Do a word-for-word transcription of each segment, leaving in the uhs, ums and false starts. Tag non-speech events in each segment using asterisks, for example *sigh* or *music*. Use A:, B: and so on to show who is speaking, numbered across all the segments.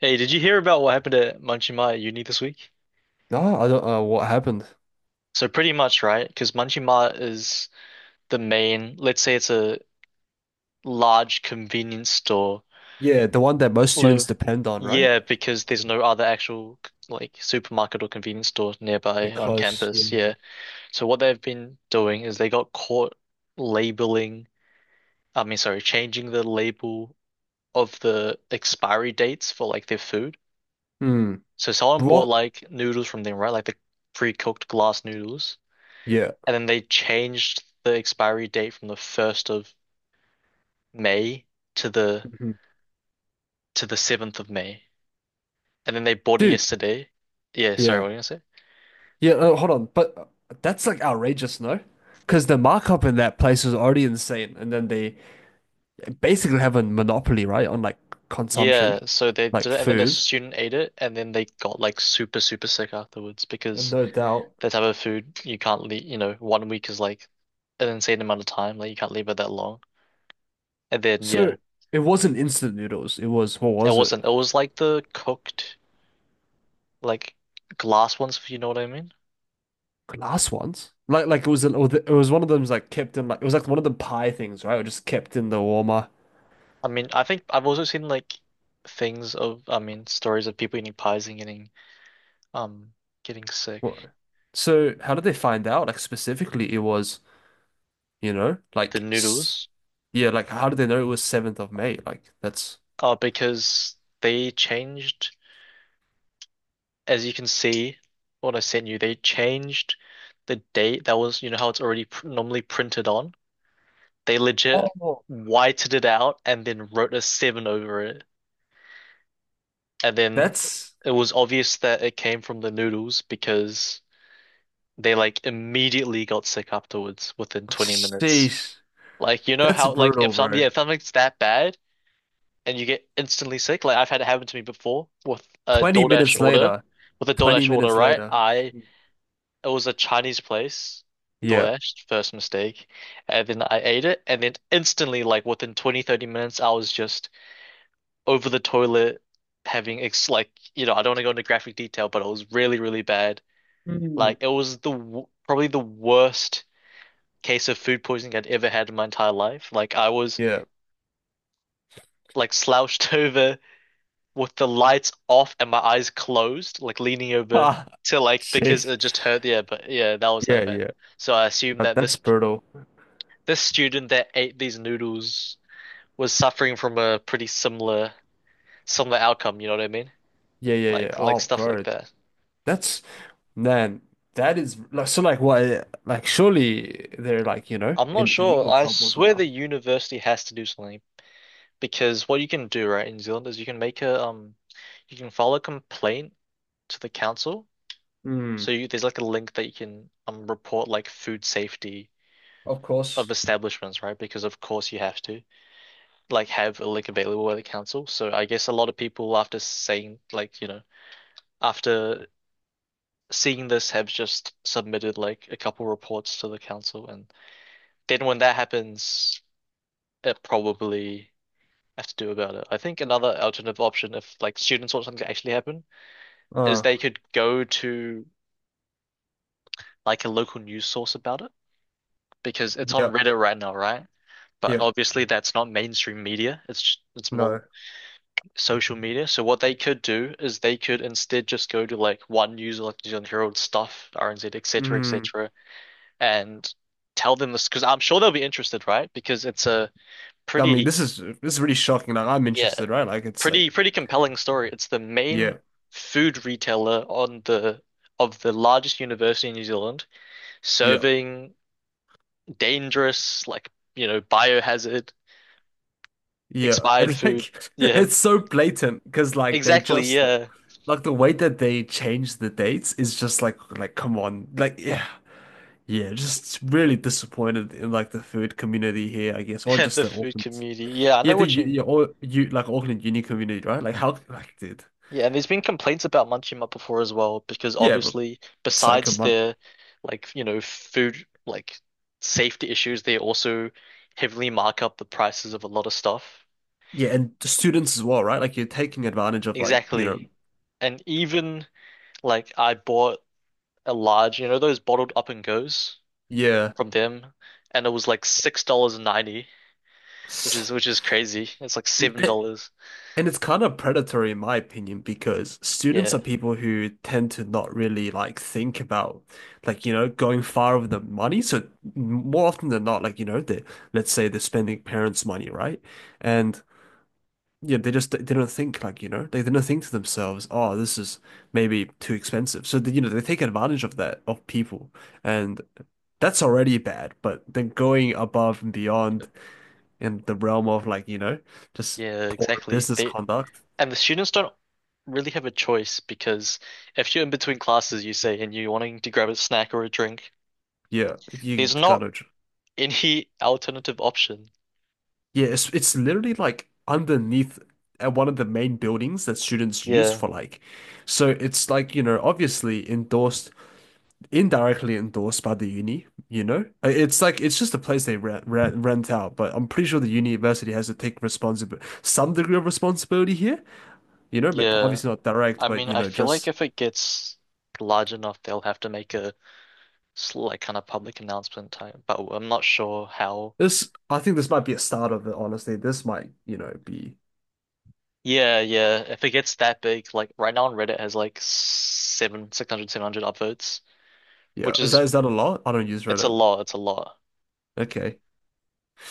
A: Hey, did you hear about what happened at Munchie Mart at uni this week?
B: No, I don't know what happened.
A: So pretty much, right? Because Munchie Mart is the main, let's say it's a large convenience store.
B: Yeah, the one that most
A: Low.
B: students depend on, right?
A: Yeah, because there's no other actual like supermarket or convenience store
B: Yeah,
A: nearby on
B: close. Yeah.
A: campus. Yeah. So what they've been doing is they got caught labeling, I mean, sorry, changing the label of the expiry dates for like their food.
B: Hmm.
A: So someone bought
B: What?
A: like noodles from them, right? Like the pre-cooked glass noodles.
B: Yeah.
A: And then they changed the expiry date from the first of May to the
B: Mhm.
A: to the seventh of May. And then they bought it
B: Dude,
A: yesterday. Yeah, sorry, what
B: yeah.
A: were you gonna say?
B: Yeah, uh, hold on. But uh, that's like outrageous, no? Because the markup in that place was already insane. And then they basically have a monopoly, right, on like consumption,
A: Yeah, so they did
B: like
A: it and then a
B: food.
A: student ate it and then they got like super, super sick afterwards
B: Uh,
A: because
B: No doubt.
A: that type of food you can't leave, you know, one week is like an insane amount of time, like you can't leave it that long. And then yeah,
B: So it wasn't instant noodles. It was, what
A: it
B: was it?
A: wasn't. It was like the cooked like glass ones, if you know what I mean.
B: Glass ones. Like like it was an, it was one of them's like kept in like it was like one of the pie things, right? It was just kept in the warmer.
A: I mean, I think I've also seen like things of, I mean, stories of people eating pies and getting um getting sick.
B: What? So how did they find out? Like specifically, it was you know
A: The
B: like s-
A: noodles,
B: yeah, like how did they know it was seventh of May? Like that's
A: uh, because they changed, as you can see, what I sent you, they changed the date that was, you know, how it's already pr normally printed on. They legit
B: oh
A: whited it out and then wrote a seven over it, and then
B: that's
A: it was obvious that it came from the noodles because they like immediately got sick afterwards within twenty minutes.
B: sheesh,
A: Like you know
B: that's
A: how like if
B: brutal,
A: some
B: bro.
A: yeah, if something's that bad and you get instantly sick, like I've had it happen to me before with a
B: Twenty
A: DoorDash
B: minutes
A: order.
B: later,
A: With a
B: twenty
A: DoorDash order,
B: minutes
A: right?
B: later.
A: I it was a Chinese place,
B: Yeah.
A: DoorDash, first mistake. And then I ate it and then instantly like within twenty thirty minutes I was just over the toilet having ex like you know, I don't want to go into graphic detail, but it was really, really bad.
B: Mm.
A: Like it was the w probably the worst case of food poisoning I'd ever had in my entire life. Like I was
B: Yeah. *laughs*
A: like slouched *laughs* over with the lights off and my eyes closed, like leaning over
B: Ah,
A: to like because
B: sheesh.
A: it just hurt. Yeah, but yeah, that was that
B: Yeah,
A: bad.
B: yeah.
A: So I assume
B: That,
A: that this
B: that's brutal.
A: this student that ate these noodles was suffering from a pretty similar similar outcome. You know what I mean?
B: Yeah, yeah, yeah.
A: Like like
B: Oh,
A: stuff like
B: bro.
A: that.
B: That's man, that is like so like why like surely they're like, you know,
A: I'm not
B: in
A: sure.
B: legal
A: I
B: troubles
A: swear
B: now.
A: the university has to do something because what you can do right in New Zealand is you can make a um you can file a complaint to the council. So
B: Hmm.
A: you, there's like a link that you can um report like food safety
B: Of
A: of
B: course.
A: establishments, right? Because of course you have to like have a link available at the council. So I guess a lot of people after saying like, you know, after seeing this have just submitted like a couple reports to the council and then when that happens, it probably have to do about it. I think another alternative option if like students want something to actually happen is
B: Uh
A: they could go to like a local news source about it because it's on
B: yeah,
A: Reddit right now, right? But
B: yeah,
A: obviously that's not mainstream media. It's it's more
B: no.
A: social media. So what they could do is they could instead just go to like one user, like New Zealand Herald stuff, R N Z, et cetera, et
B: Hmm.
A: cetera, and tell them this because I'm sure they'll be interested, right? Because it's a
B: I mean
A: pretty,
B: this is this is really shocking. Like I'm
A: yeah,
B: interested, right? Like it's like
A: pretty pretty compelling story. It's the main
B: yeah,
A: food retailer on the of the largest university in New Zealand,
B: yeah,
A: serving dangerous, like, you know, biohazard,
B: yeah. *laughs*
A: expired
B: And
A: food.
B: like
A: Yeah,
B: it's so blatant because like they
A: exactly.
B: just
A: Yeah.
B: like the way that they change the dates is just like like come on. Like yeah. Yeah, just really disappointed in like the food community here, I guess, or
A: *laughs*
B: just
A: The
B: the
A: food
B: orphans.
A: community. Yeah, I
B: Yeah,
A: know
B: the
A: what
B: you,
A: you
B: you,
A: mean.
B: all, you like Auckland uni community, right? Like how like dude.
A: Yeah, and there's been complaints about Munchie Mutt before as well, because
B: Yeah, but
A: obviously,
B: it's like a
A: besides
B: month.
A: their like, you know, food like safety issues, they also heavily mark up the prices of a lot of stuff.
B: Yeah, and the students as well, right? Like you're taking advantage of like, you know,
A: Exactly. And even like I bought a large, you know, those bottled up and goes
B: yeah.
A: from them, and it was like six dollars and ninety, which is which is crazy. It's like seven
B: And
A: dollars.
B: and it's kind of predatory in my opinion because students
A: Yeah.
B: are people who tend to not really like think about like, you know, going far with the money. So more often than not, like, you know, they let's say they're spending parents' money, right? And yeah, they just they don't think like, you know, they, they don't think to themselves, oh, this is maybe too expensive. So they, you know, they take advantage of that of people, and that's already bad. But then going above and
A: Yep.
B: beyond in the realm of like, you know, just
A: Yeah,
B: poor
A: exactly.
B: business
A: They
B: conduct.
A: and the students don't really have a choice because if you're in between classes, you say, and you're wanting to grab a snack or a drink,
B: Yeah, you
A: there's not
B: gotta.
A: any alternative option.
B: Yeah, it's it's literally like underneath at one of the main buildings that students use
A: Yeah,
B: for like, so it's like, you know, obviously endorsed indirectly endorsed by the uni, you know? Uh, It's like it's just a place they rent, rent, rent out, but I'm pretty sure the university has to take responsibility, some degree of responsibility here, you know, but
A: yeah.
B: obviously not direct,
A: I
B: but
A: mean,
B: you
A: I
B: know,
A: feel like
B: just
A: if it gets large enough, they'll have to make a s- like kind of public announcement type, but I'm not sure how.
B: this I think this might be a start of it, honestly. This might, you know, be
A: Yeah, yeah. If it gets that big, like right now on Reddit has like seven, six hundred, seven hundred upvotes,
B: yeah.
A: which
B: Is
A: is
B: that is that a lot? I don't use
A: it's a
B: Reddit.
A: lot, it's a lot.
B: Okay.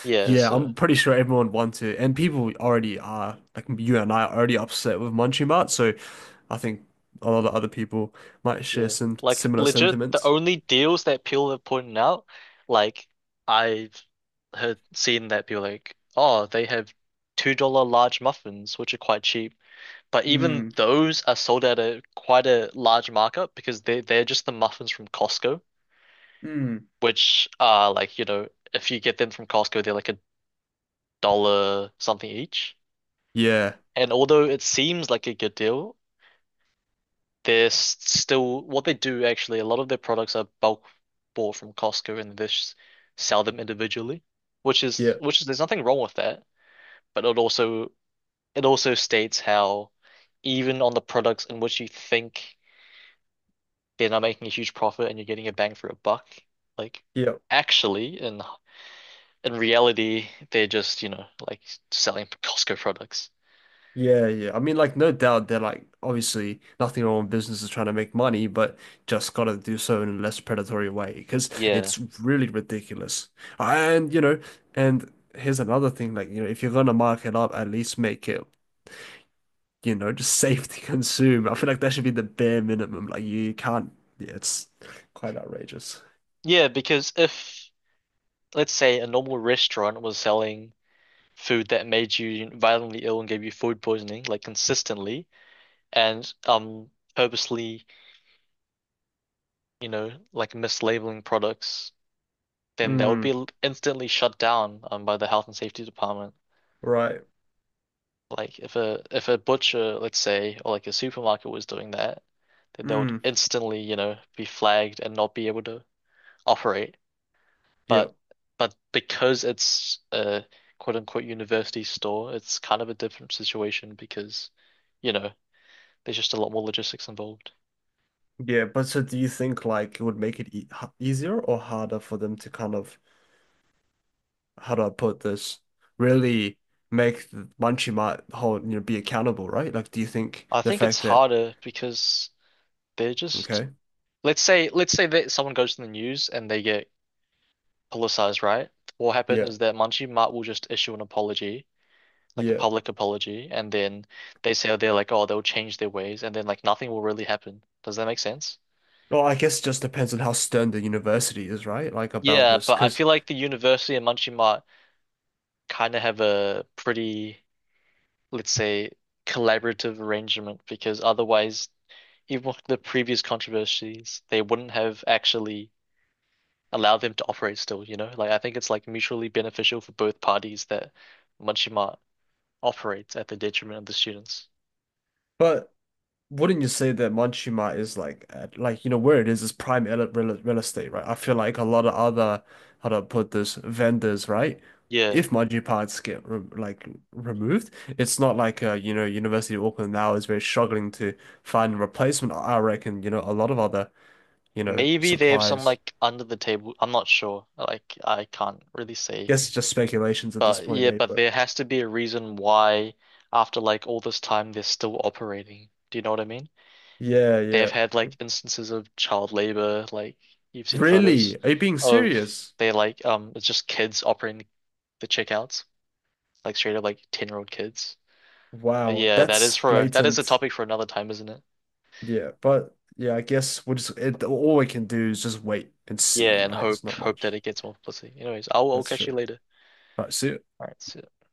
A: Yeah,
B: Yeah,
A: so.
B: I'm pretty sure everyone wants to, and people already are, like you and I are already upset with Munchie Mart, so I think a lot of other people might share
A: Yeah.
B: some
A: Like
B: similar
A: legit, the
B: sentiments.
A: only deals that people have pointed out, like I've heard seen that people like, oh, they have two dollar large muffins, which are quite cheap. But even
B: Hmm.
A: those are sold at a quite a large markup because they they're just the muffins from Costco,
B: Mm.
A: which are like, you know, if you get them from Costco, they're like a dollar something each.
B: Yeah,
A: And although it seems like a good deal, they're still what they do actually, a lot of their products are bulk bought from Costco and they just sell them individually, which
B: yeah,
A: is which is there's nothing wrong with that, but it also it also states how even on the products in which you think they're not making a huge profit and you're getting a bang for a buck, like
B: yeah,
A: actually in in reality they're just, you know, like selling Costco products.
B: yeah, yeah. I mean, like, no doubt they're like obviously nothing wrong with businesses trying to make money, but just gotta do so in a less predatory way because
A: Yeah.
B: it's really ridiculous. And you know, and here's another thing, like, you know, if you're gonna mark it up, at least make it, you know, just *laughs* safe to consume. I feel like that should be the bare minimum. Like, you can't, yeah, it's quite outrageous.
A: Yeah, because if let's say a normal restaurant was selling food that made you violently ill and gave you food poisoning, like consistently, and um purposely, you know, like mislabeling products, then that would
B: Mm,
A: be instantly shut down um by the health and safety department.
B: right.
A: Like if a if a butcher, let's say, or like a supermarket was doing that, then they would
B: Mm,
A: instantly, you know, be flagged and not be able to operate.
B: yeah.
A: But but because it's a quote unquote university store, it's kind of a different situation because, you know, there's just a lot more logistics involved.
B: Yeah, but so do you think like it would make it e h- easier or harder for them to kind of, how do I put this, really make the Munchie Mart whole, you know, be accountable, right? Like, do you think
A: I
B: the
A: think it's
B: fact that,
A: harder because they're just
B: okay,
A: let's say let's say that someone goes to the news and they get politicized, right? What will happen
B: yeah,
A: is that Manji Mart will just issue an apology, like a
B: yeah.
A: public apology, and then they say they're like, oh, they'll change their ways, and then like nothing will really happen. Does that make sense?
B: Well, I guess it just depends on how stern the university is, right? Like about
A: Yeah,
B: this,
A: but I
B: because,
A: feel like the university and Munchie Mart kind of have a pretty, let's say, collaborative arrangement because otherwise even with the previous controversies, they wouldn't have actually allowed them to operate still, you know? Like I think it's like mutually beneficial for both parties that Munchima operates at the detriment of the students.
B: but wouldn't you say that Manchima is like at, like you know where it is is prime ele- real, real estate, right? I feel like a lot of other how to put this vendors, right?
A: Yeah.
B: If Manji parts get re like removed, it's not like uh, you know University of Auckland now is very struggling to find a replacement. I I reckon you know a lot of other you know
A: Maybe they have some
B: suppliers.
A: like under the table. I'm not sure. Like I can't really say.
B: Guess it's just speculations at this
A: But
B: point,
A: yeah,
B: eh?
A: but
B: But
A: there has to be a reason why after like all this time they're still operating. Do you know what I mean?
B: yeah,
A: They have
B: yeah.
A: had like instances of child labor, like you've seen photos
B: Really? Are you being
A: of
B: serious?
A: they like um it's just kids operating the checkouts, like straight up like ten-year-old kids. But
B: Wow,
A: yeah, that
B: that's
A: is for that is a
B: blatant.
A: topic for another time, isn't it?
B: Yeah, but yeah, I guess we'll just it, all we can do is just wait and
A: Yeah,
B: see,
A: and
B: right? There's
A: hope
B: not
A: hope that
B: much.
A: it gets more publicity. Anyways, I'll I'll
B: That's
A: catch you
B: true.
A: later.
B: All right, see ya.
A: All right, see ya.